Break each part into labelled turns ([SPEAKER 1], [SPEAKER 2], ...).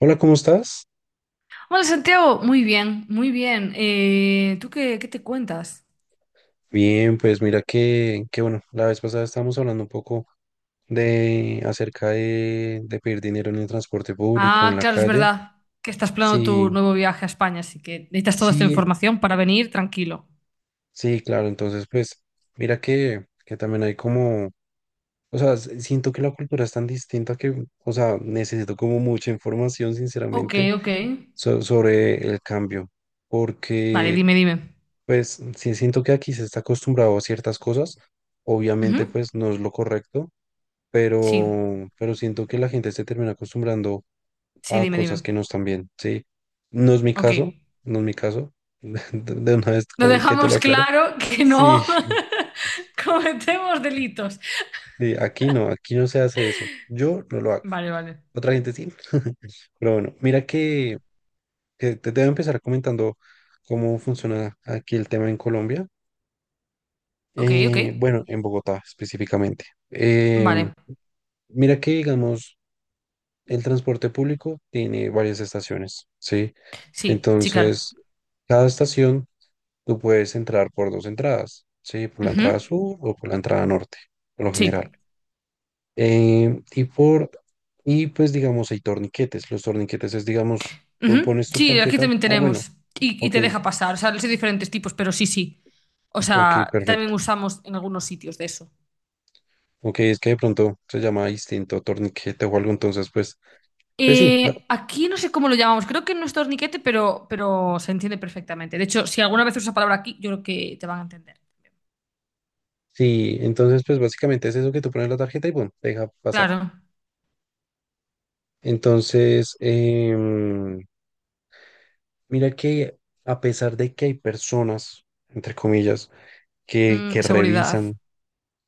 [SPEAKER 1] Hola, ¿cómo estás?
[SPEAKER 2] Hola Santiago, muy bien, muy bien. ¿Tú qué te cuentas?
[SPEAKER 1] Bien, pues mira que bueno, la vez pasada estábamos hablando un poco de acerca de pedir dinero en el transporte público, en
[SPEAKER 2] Ah,
[SPEAKER 1] la
[SPEAKER 2] claro, es
[SPEAKER 1] calle.
[SPEAKER 2] verdad que estás planeando tu
[SPEAKER 1] Sí,
[SPEAKER 2] nuevo viaje a España, así que necesitas toda esta
[SPEAKER 1] sí,
[SPEAKER 2] información para venir tranquilo.
[SPEAKER 1] sí, claro. Entonces, pues mira que también hay como, o sea, siento que la cultura es tan distinta que, o sea, necesito como mucha información,
[SPEAKER 2] Ok,
[SPEAKER 1] sinceramente,
[SPEAKER 2] ok.
[SPEAKER 1] sobre el cambio,
[SPEAKER 2] Vale,
[SPEAKER 1] porque,
[SPEAKER 2] dime, dime.
[SPEAKER 1] pues, sí siento que aquí se está acostumbrado a ciertas cosas. Obviamente,
[SPEAKER 2] Ujú.
[SPEAKER 1] pues no es lo correcto,
[SPEAKER 2] Sí,
[SPEAKER 1] pero siento que la gente se termina acostumbrando
[SPEAKER 2] sí,
[SPEAKER 1] a
[SPEAKER 2] dime,
[SPEAKER 1] cosas
[SPEAKER 2] dime.
[SPEAKER 1] que no están bien, ¿sí? No es mi
[SPEAKER 2] Ok.
[SPEAKER 1] caso, no es mi caso, de de una vez
[SPEAKER 2] Lo
[SPEAKER 1] como que te lo
[SPEAKER 2] dejamos
[SPEAKER 1] aclara.
[SPEAKER 2] claro que
[SPEAKER 1] Sí,
[SPEAKER 2] no cometemos delitos.
[SPEAKER 1] sí, aquí no se hace eso, yo no lo hago,
[SPEAKER 2] Vale, vale.
[SPEAKER 1] otra gente sí, pero bueno, mira que te debo empezar comentando cómo funciona aquí el tema en Colombia.
[SPEAKER 2] Ok, ok.
[SPEAKER 1] Bueno, en Bogotá específicamente. Em,
[SPEAKER 2] Vale.
[SPEAKER 1] Mira que, digamos, el transporte público tiene varias estaciones, ¿sí?
[SPEAKER 2] Sí, sí, claro.
[SPEAKER 1] Entonces, cada estación tú puedes entrar por dos entradas, ¿sí? Por la entrada
[SPEAKER 2] Ujú.
[SPEAKER 1] sur o por la entrada norte, por lo general.
[SPEAKER 2] Sí.
[SPEAKER 1] Eh, y por, y pues digamos, hay torniquetes. Los torniquetes es, digamos, tú
[SPEAKER 2] Ujú.
[SPEAKER 1] pones tu
[SPEAKER 2] Sí, aquí
[SPEAKER 1] tarjeta.
[SPEAKER 2] también
[SPEAKER 1] Ah, bueno,
[SPEAKER 2] tenemos. Y
[SPEAKER 1] ok,
[SPEAKER 2] te deja pasar. O sea, hay diferentes tipos, pero sí, sí. O
[SPEAKER 1] ok,
[SPEAKER 2] sea, también
[SPEAKER 1] perfecto.
[SPEAKER 2] usamos en algunos sitios de eso.
[SPEAKER 1] Ok, es que de pronto se llama distinto torniquete o algo, entonces, pues, pues sí,
[SPEAKER 2] Aquí no sé cómo lo llamamos. Creo que no es torniquete, pero se entiende perfectamente. De hecho, si alguna vez usas la palabra aquí, yo creo que te van a entender.
[SPEAKER 1] sí, entonces, pues básicamente es eso, que tú pones la tarjeta y bueno, te deja pasar.
[SPEAKER 2] Claro.
[SPEAKER 1] Entonces, mira que a pesar de que hay personas, entre comillas, que
[SPEAKER 2] Seguridad.
[SPEAKER 1] revisan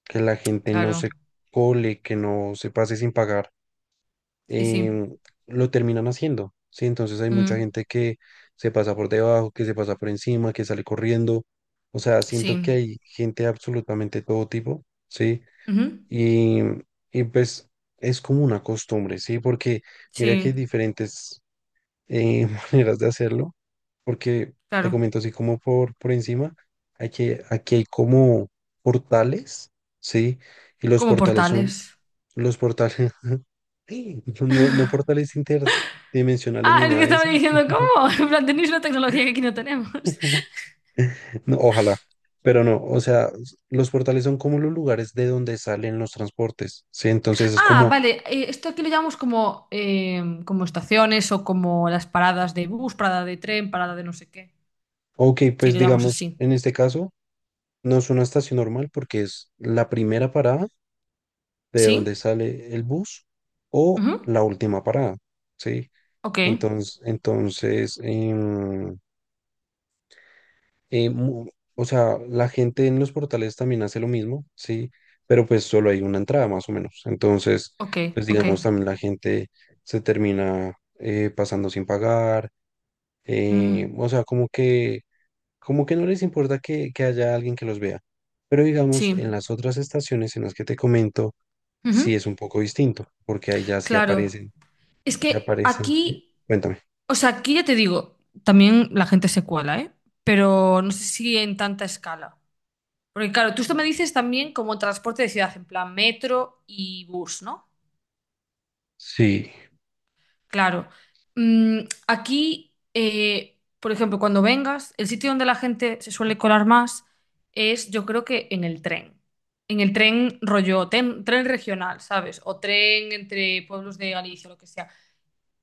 [SPEAKER 1] que la gente no
[SPEAKER 2] Claro.
[SPEAKER 1] se cole, que no se pase sin pagar,
[SPEAKER 2] Sí, sí.
[SPEAKER 1] em, lo terminan haciendo, ¿sí? Entonces hay mucha
[SPEAKER 2] Mm,
[SPEAKER 1] gente que se pasa por debajo, que se pasa por encima, que sale corriendo. O sea,
[SPEAKER 2] sí.
[SPEAKER 1] siento que hay gente de absolutamente todo tipo, ¿sí?
[SPEAKER 2] Ujú.
[SPEAKER 1] Y, y pues es como una costumbre, ¿sí? Porque mira que hay
[SPEAKER 2] Sí,
[SPEAKER 1] diferentes maneras de hacerlo, porque te
[SPEAKER 2] claro.
[SPEAKER 1] comento así como por encima, hay que, aquí hay como portales, ¿sí? Y los
[SPEAKER 2] Como
[SPEAKER 1] portales son,
[SPEAKER 2] portales.
[SPEAKER 1] los portales, no, no portales interdimensionales ni
[SPEAKER 2] Ah, es
[SPEAKER 1] nada
[SPEAKER 2] que
[SPEAKER 1] de
[SPEAKER 2] estaba
[SPEAKER 1] eso,
[SPEAKER 2] diciendo, ¿cómo? En plan, tenéis una tecnología que aquí no tenemos.
[SPEAKER 1] no, ojalá, pero no, o sea, los portales son como los lugares de donde salen los transportes, ¿sí? Entonces es
[SPEAKER 2] Ah,
[SPEAKER 1] como,
[SPEAKER 2] vale, esto aquí lo llamamos como estaciones o como las paradas de bus, parada de tren, parada de no sé qué.
[SPEAKER 1] ok,
[SPEAKER 2] Sí,
[SPEAKER 1] pues
[SPEAKER 2] lo llamamos
[SPEAKER 1] digamos,
[SPEAKER 2] así.
[SPEAKER 1] en este caso, no es una estación normal porque es la primera parada de
[SPEAKER 2] Sí.
[SPEAKER 1] donde sale el bus o
[SPEAKER 2] Ujú.
[SPEAKER 1] la última parada, ¿sí?
[SPEAKER 2] Ok,
[SPEAKER 1] Entonces em, em, mu- o sea, la gente en los portales también hace lo mismo, ¿sí? Pero pues solo hay una entrada más o menos. Entonces,
[SPEAKER 2] ok,
[SPEAKER 1] pues
[SPEAKER 2] ok.
[SPEAKER 1] digamos, también la gente se termina pasando sin pagar,
[SPEAKER 2] Mm,
[SPEAKER 1] o sea, como que no les importa que haya alguien que los vea. Pero digamos,
[SPEAKER 2] sí.
[SPEAKER 1] en las otras estaciones en las que te comento, sí
[SPEAKER 2] Ujú.
[SPEAKER 1] es un poco distinto, porque ahí ya sí
[SPEAKER 2] Claro.
[SPEAKER 1] aparecen.
[SPEAKER 2] Es
[SPEAKER 1] Ya
[SPEAKER 2] que
[SPEAKER 1] aparecen, ¿sí?
[SPEAKER 2] aquí,
[SPEAKER 1] Cuéntame.
[SPEAKER 2] o sea, aquí ya te digo, también la gente se cuela, ¿eh? Pero no sé si en tanta escala. Porque claro, tú esto me dices también como transporte de ciudad, en plan metro y bus, ¿no?
[SPEAKER 1] Sí,
[SPEAKER 2] Claro. Mm, aquí, por ejemplo, cuando vengas, el sitio donde la gente se suele colar más es, yo creo que en el tren. En el tren rollo, tren regional, ¿sabes? O tren entre pueblos de Galicia, lo que sea.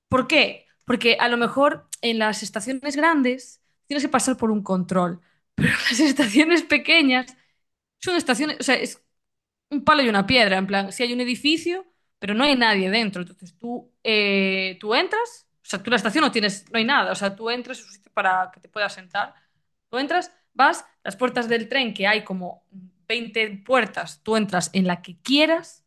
[SPEAKER 2] ¿Por qué? Porque a lo mejor en las estaciones grandes tienes que pasar por un control. Las estaciones pequeñas son estaciones, o sea, es un palo y una piedra, en plan, si hay un edificio, pero no hay nadie dentro. Entonces tú entras, o sea, tú en la estación no tienes, no hay nada, o sea, tú entras, es un sitio para que te puedas sentar. Tú entras, vas, las puertas del tren, que hay como 20 puertas, tú entras en la que quieras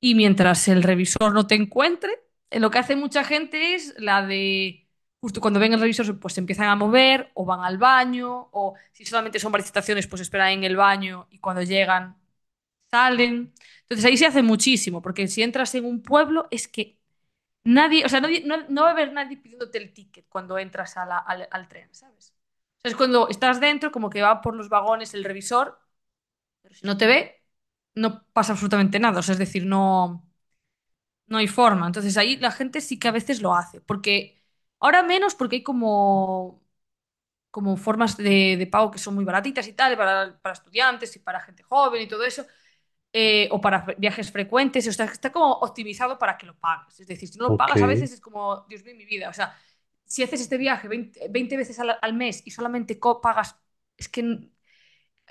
[SPEAKER 2] y mientras el revisor no te encuentre, lo que hace mucha gente es la de... Justo cuando ven el revisor, pues se empiezan a mover o van al baño, o si solamente son varias estaciones, pues esperan en el baño y cuando llegan salen. Entonces ahí se hace muchísimo, porque si entras en un pueblo es que nadie, o sea, no, no va a haber nadie pidiéndote el ticket cuando entras al tren, ¿sabes? O sea, es cuando estás dentro, como que va por los vagones el revisor, pero si no te ve, no pasa absolutamente nada, o sea, es decir, no, no hay forma. Entonces ahí la gente sí que a veces lo hace, porque ahora menos porque hay como formas de pago que son muy baratitas y tal, para estudiantes y para gente joven y todo eso, o para viajes frecuentes, o sea, está como optimizado para que lo pagues. Es decir, si no lo
[SPEAKER 1] ok.
[SPEAKER 2] pagas a veces es como, Dios mío, mi vida. O sea, si haces este viaje 20 20 veces al mes y solamente co pagas, es que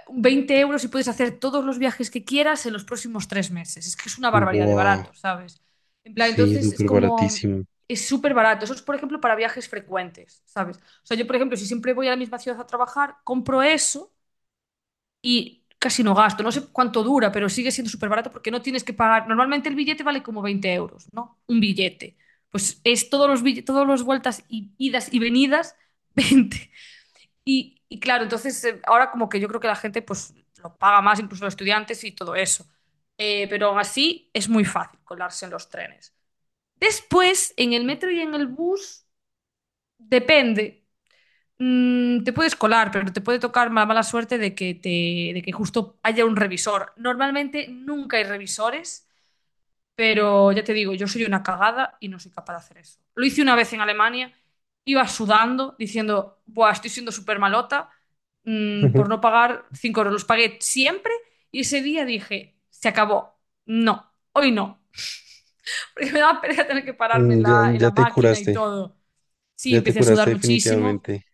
[SPEAKER 2] 20 euros y puedes hacer todos los viajes que quieras en los próximos 3 meses. Es que es una barbaridad de
[SPEAKER 1] Wow,
[SPEAKER 2] barato, ¿sabes? En plan,
[SPEAKER 1] sí,
[SPEAKER 2] entonces es
[SPEAKER 1] súper
[SPEAKER 2] como,
[SPEAKER 1] baratísimo.
[SPEAKER 2] es súper barato. Eso es, por ejemplo, para viajes frecuentes, ¿sabes? O sea, yo, por ejemplo, si siempre voy a la misma ciudad a trabajar, compro eso y casi no gasto. No sé cuánto dura, pero sigue siendo súper barato porque no tienes que pagar. Normalmente el billete vale como 20 euros, ¿no? Un billete. Pues es todos los billetes, todas las vueltas y idas y venidas, 20. Y claro, entonces ahora como que yo creo que la gente pues lo paga más, incluso los estudiantes y todo eso. Pero aún así es muy fácil colarse en los trenes. Después, en el metro y en el bus, depende. Te puedes colar, pero te puede tocar la mala suerte de que justo haya un revisor. Normalmente nunca hay revisores, pero ya te digo, yo soy una cagada y no soy capaz de hacer eso. Lo hice una vez en Alemania, iba sudando, diciendo, Buah, estoy siendo súper malota, por no pagar 5 euros. Los pagué siempre y ese día dije, se acabó. No, hoy no. Porque me daba pereza tener que pararme
[SPEAKER 1] Mm,
[SPEAKER 2] en
[SPEAKER 1] ya,
[SPEAKER 2] la máquina y todo. Sí,
[SPEAKER 1] ya te
[SPEAKER 2] empecé a
[SPEAKER 1] curaste
[SPEAKER 2] sudar muchísimo.
[SPEAKER 1] definitivamente.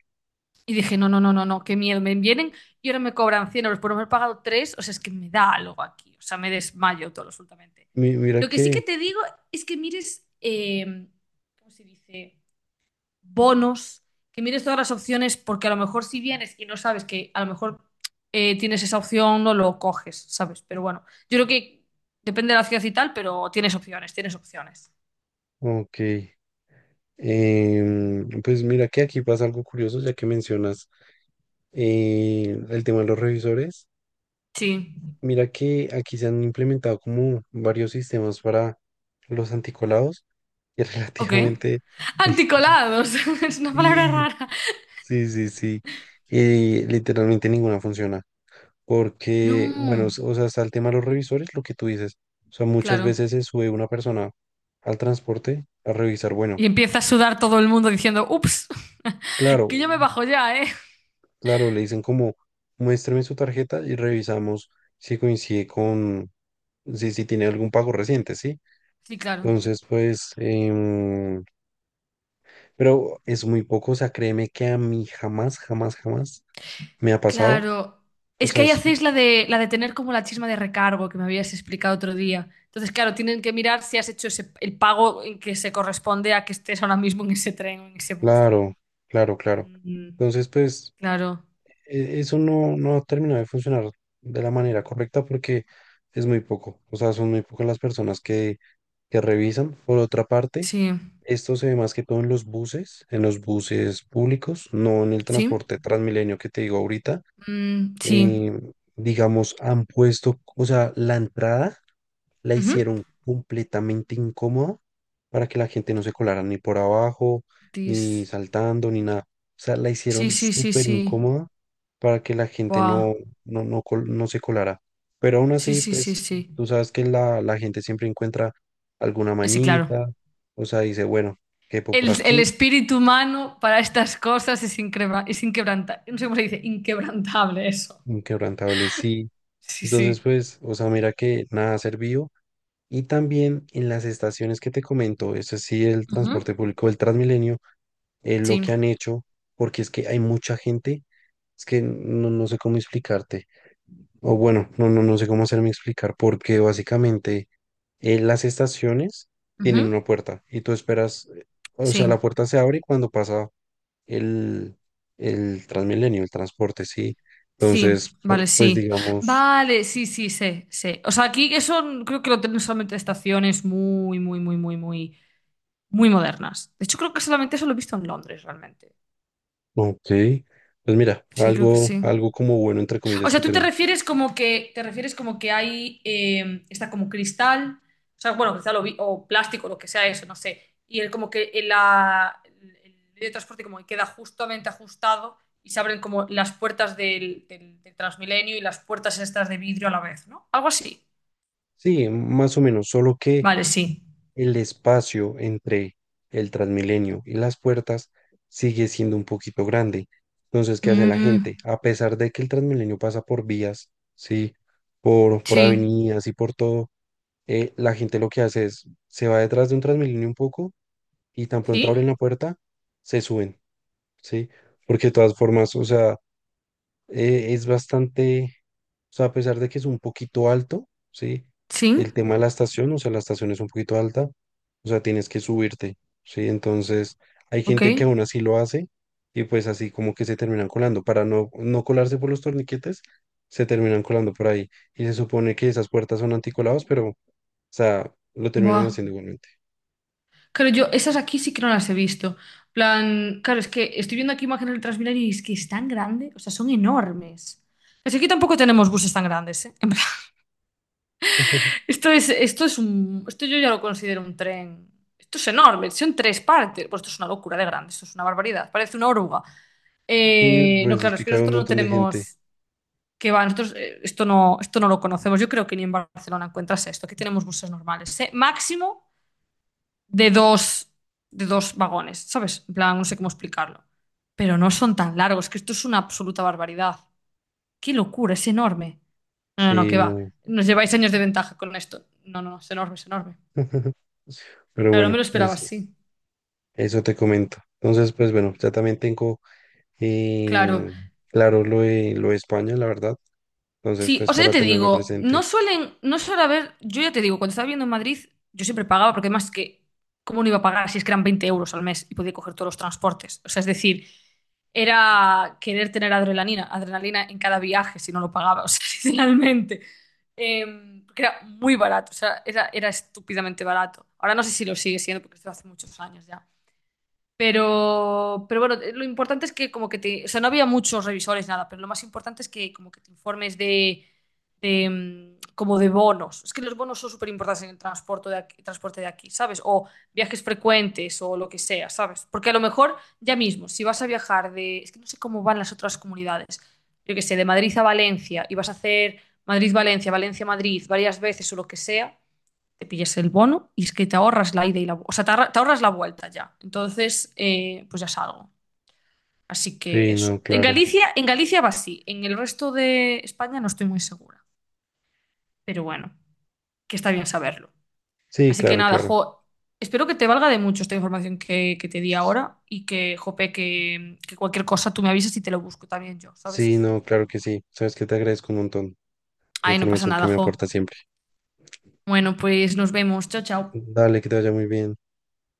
[SPEAKER 2] Y dije, no, no, no, no, no, qué miedo, me vienen y ahora me cobran 100 euros por haber pagado tres, o sea, es que me da algo aquí, o sea, me desmayo todo absolutamente.
[SPEAKER 1] Mira
[SPEAKER 2] Lo que sí
[SPEAKER 1] que,
[SPEAKER 2] que te digo es que mires, ¿cómo se dice? Bonos, que mires todas las opciones, porque a lo mejor si vienes y no sabes que a lo mejor tienes esa opción, no lo coges, ¿sabes? Pero bueno, yo creo que depende de la ciudad y tal, pero tienes opciones, tienes opciones.
[SPEAKER 1] ok, pues mira que aquí pasa algo curioso, ya que mencionas el tema de los revisores.
[SPEAKER 2] Sí,
[SPEAKER 1] Mira que aquí se han implementado como varios sistemas para los anticolados y
[SPEAKER 2] ok.
[SPEAKER 1] relativamente,
[SPEAKER 2] Anticolados, es una palabra
[SPEAKER 1] y
[SPEAKER 2] rara.
[SPEAKER 1] sí, sí, sí. Literalmente ninguna funciona. Porque, bueno,
[SPEAKER 2] No,
[SPEAKER 1] o sea, está el tema de los revisores, lo que tú dices. O sea, muchas
[SPEAKER 2] claro.
[SPEAKER 1] veces se sube una persona al transporte a revisar. Bueno,
[SPEAKER 2] Y empieza a sudar todo el mundo diciendo, ups,
[SPEAKER 1] claro,
[SPEAKER 2] que yo me bajo ya, ¿eh?
[SPEAKER 1] claro, le dicen como, muéstrame su tarjeta y revisamos si coincide con, si, si tiene algún pago reciente, ¿sí?
[SPEAKER 2] Sí, claro.
[SPEAKER 1] Entonces, pues, pero es muy poco. O sea, créeme que a mí jamás, jamás, jamás me ha pasado.
[SPEAKER 2] Claro.
[SPEAKER 1] O
[SPEAKER 2] Es que
[SPEAKER 1] sea,
[SPEAKER 2] ahí
[SPEAKER 1] es
[SPEAKER 2] hacéis la de tener como la chisma de recargo que me habías explicado otro día. Entonces, claro, tienen que mirar si has hecho el pago en que se corresponde a que estés ahora mismo en ese tren o en ese bus.
[SPEAKER 1] claro, claro, claro.
[SPEAKER 2] Mm,
[SPEAKER 1] Entonces, pues,
[SPEAKER 2] claro.
[SPEAKER 1] eso no, no terminó de funcionar de la manera correcta porque es muy poco. O sea, son muy pocas las personas que revisan. Por otra parte,
[SPEAKER 2] Sí.
[SPEAKER 1] esto se ve más que todo en los buses públicos, no en el
[SPEAKER 2] Sí.
[SPEAKER 1] transporte Transmilenio que te digo ahorita.
[SPEAKER 2] Mm, sí.
[SPEAKER 1] Eh, digamos, han puesto, o sea, la entrada la
[SPEAKER 2] Ujú.
[SPEAKER 1] hicieron completamente incómoda para que la gente no se colara ni por abajo, ni
[SPEAKER 2] Tis.
[SPEAKER 1] saltando, ni nada. O sea, la
[SPEAKER 2] Sí,
[SPEAKER 1] hicieron
[SPEAKER 2] sí, sí,
[SPEAKER 1] súper
[SPEAKER 2] sí.
[SPEAKER 1] incómoda para que la gente
[SPEAKER 2] Buah.
[SPEAKER 1] no, no, no se colara. Pero aún
[SPEAKER 2] Sí,
[SPEAKER 1] así,
[SPEAKER 2] sí, sí,
[SPEAKER 1] pues,
[SPEAKER 2] sí.
[SPEAKER 1] tú sabes que la gente siempre encuentra alguna
[SPEAKER 2] Sí, claro.
[SPEAKER 1] mañita, o sea, dice, bueno, quepo por
[SPEAKER 2] El
[SPEAKER 1] aquí,
[SPEAKER 2] espíritu humano para estas cosas es, inquebrantable. No sé cómo se dice, inquebrantable eso.
[SPEAKER 1] inquebrantable sí.
[SPEAKER 2] Sí,
[SPEAKER 1] Entonces,
[SPEAKER 2] sí.
[SPEAKER 1] pues, o sea, mira que nada ha servido. Y también en las estaciones que te comento, es sí, el
[SPEAKER 2] Ujú.
[SPEAKER 1] transporte público, el Transmilenio, lo
[SPEAKER 2] Sí.
[SPEAKER 1] que han hecho, porque es que hay mucha gente, es que no, no sé cómo explicarte, o bueno, no, no, no sé cómo hacerme explicar, porque básicamente las estaciones tienen
[SPEAKER 2] Ujú.
[SPEAKER 1] una puerta y tú esperas, o sea,
[SPEAKER 2] Sí.
[SPEAKER 1] la puerta se abre cuando pasa el, el Transmilenio, el transporte, sí.
[SPEAKER 2] Sí.
[SPEAKER 1] Entonces, pues,
[SPEAKER 2] Vale,
[SPEAKER 1] pues
[SPEAKER 2] sí.
[SPEAKER 1] digamos,
[SPEAKER 2] Vale, sí, sí, sé, sé. O sea, aquí eso creo que lo tienen solamente estaciones muy, muy, muy, muy, muy, muy modernas. De hecho, creo que solamente eso lo he visto en Londres, realmente.
[SPEAKER 1] ok, pues mira,
[SPEAKER 2] Sí, creo que
[SPEAKER 1] algo,
[SPEAKER 2] sí.
[SPEAKER 1] algo como bueno, entre
[SPEAKER 2] O
[SPEAKER 1] comillas, que
[SPEAKER 2] sea, tú te
[SPEAKER 1] tenemos.
[SPEAKER 2] refieres como que te refieres como que hay está como cristal, o sea, bueno, cristal o plástico, lo que sea eso, no sé. Y el como que el, la, el medio de transporte como que queda justamente ajustado y se abren como las puertas del Transmilenio y las puertas estas de vidrio a la vez, ¿no? Algo así.
[SPEAKER 1] Sí, más o menos, solo que
[SPEAKER 2] Vale, sí.
[SPEAKER 1] el espacio entre el Transmilenio y las puertas sigue siendo un poquito grande. Entonces, ¿qué hace la
[SPEAKER 2] Mm,
[SPEAKER 1] gente? A pesar de que el Transmilenio pasa por vías, ¿sí? Por
[SPEAKER 2] sí.
[SPEAKER 1] avenidas y por todo, la gente lo que hace es, se va detrás de un Transmilenio un poco y tan pronto
[SPEAKER 2] ¿Sí?
[SPEAKER 1] abren la puerta, se suben, ¿sí? Porque de todas formas, o sea, es bastante, o sea, a pesar de que es un poquito alto, ¿sí? El
[SPEAKER 2] Sí.
[SPEAKER 1] tema de la estación, o sea, la estación es un poquito alta, o sea, tienes que subirte, ¿sí? Entonces, hay
[SPEAKER 2] Ok.
[SPEAKER 1] gente que aún así lo hace y pues así como que se terminan colando, para no, no colarse por los torniquetes, se terminan colando por ahí. Y se supone que esas puertas son anticolados, pero, o sea, lo terminan
[SPEAKER 2] Buah.
[SPEAKER 1] haciendo igualmente.
[SPEAKER 2] Claro, yo esas aquí sí que no las he visto. Plan, claro, es que estoy viendo aquí imágenes del Transmilenio y es que es tan grande, o sea, son enormes. Pero si aquí tampoco tenemos buses tan grandes, ¿eh? En plan, esto yo ya lo considero un tren. Esto es enorme, son tres partes. Pues esto es una locura de grande, esto es una barbaridad, parece una oruga.
[SPEAKER 1] Y
[SPEAKER 2] No,
[SPEAKER 1] pues es
[SPEAKER 2] claro,
[SPEAKER 1] que
[SPEAKER 2] es que
[SPEAKER 1] cae un
[SPEAKER 2] nosotros no
[SPEAKER 1] montón de gente,
[SPEAKER 2] tenemos, que va, nosotros esto no lo conocemos. Yo creo que ni en Barcelona encuentras esto. Aquí tenemos buses normales, ¿eh? Máximo. de dos, de dos vagones, ¿sabes? En plan, no sé cómo explicarlo. Pero no son tan largos, que esto es una absoluta barbaridad. ¡Qué locura! Es enorme. No, no, no,
[SPEAKER 1] sí,
[SPEAKER 2] que va.
[SPEAKER 1] no.
[SPEAKER 2] Nos lleváis años de ventaja con esto. No, no, no, es enorme, es enorme.
[SPEAKER 1] Pero
[SPEAKER 2] Claro, no me
[SPEAKER 1] bueno,
[SPEAKER 2] lo esperaba
[SPEAKER 1] es,
[SPEAKER 2] así.
[SPEAKER 1] eso te comento. Entonces, pues bueno, ya también tengo
[SPEAKER 2] Claro.
[SPEAKER 1] eh, claro lo de España, la verdad. Entonces,
[SPEAKER 2] Sí, o
[SPEAKER 1] pues
[SPEAKER 2] sea, ya
[SPEAKER 1] para
[SPEAKER 2] te
[SPEAKER 1] tenerlo
[SPEAKER 2] digo, no
[SPEAKER 1] presente.
[SPEAKER 2] suelen, no suele haber, yo ya te digo, cuando estaba viviendo en Madrid, yo siempre pagaba, porque además que, ¿cómo no iba a pagar si es que eran 20 euros al mes y podía coger todos los transportes? O sea, es decir, era querer tener adrenalina, adrenalina en cada viaje si no lo pagaba, o sea, sinceramente. Eh, porque era muy barato, o sea, era estúpidamente barato. Ahora no sé si lo sigue siendo, porque esto hace muchos años ya. Pero bueno, lo importante es que como que o sea, no había muchos revisores, nada, pero lo más importante es que como que te informes de, como de bonos. Es que los bonos son súper importantes en el transporte de aquí, ¿sabes? O viajes frecuentes o lo que sea, ¿sabes? Porque a lo mejor ya mismo, si vas a viajar de, es que no sé cómo van las otras comunidades, yo qué sé, de Madrid a Valencia y vas a hacer Madrid-Valencia, Valencia-Madrid varias veces o lo que sea te pillas el bono y es que te ahorras la ida y la, vu- o sea, te, ahorra- te ahorras la vuelta ya. Entonces, pues ya salgo. Así que
[SPEAKER 1] Sí, no,
[SPEAKER 2] eso.
[SPEAKER 1] claro.
[SPEAKER 2] En Galicia va así. En el resto de España no estoy muy segura. Pero bueno, que está bien saberlo.
[SPEAKER 1] Sí,
[SPEAKER 2] Así que
[SPEAKER 1] claro,
[SPEAKER 2] nada,
[SPEAKER 1] claro.
[SPEAKER 2] jo, espero que te valga de mucho esta información que te di
[SPEAKER 1] S-
[SPEAKER 2] ahora y que, jope, que cualquier cosa tú me avisas y te lo busco también yo,
[SPEAKER 1] Sí,
[SPEAKER 2] ¿sabes?
[SPEAKER 1] no, claro que sí. Sabes que te agradezco un montón la
[SPEAKER 2] Ay, no pasa
[SPEAKER 1] información que
[SPEAKER 2] nada,
[SPEAKER 1] me
[SPEAKER 2] jo.
[SPEAKER 1] aporta siempre.
[SPEAKER 2] Bueno, pues nos vemos. Chao, chao.
[SPEAKER 1] Dale, que te vaya muy bien.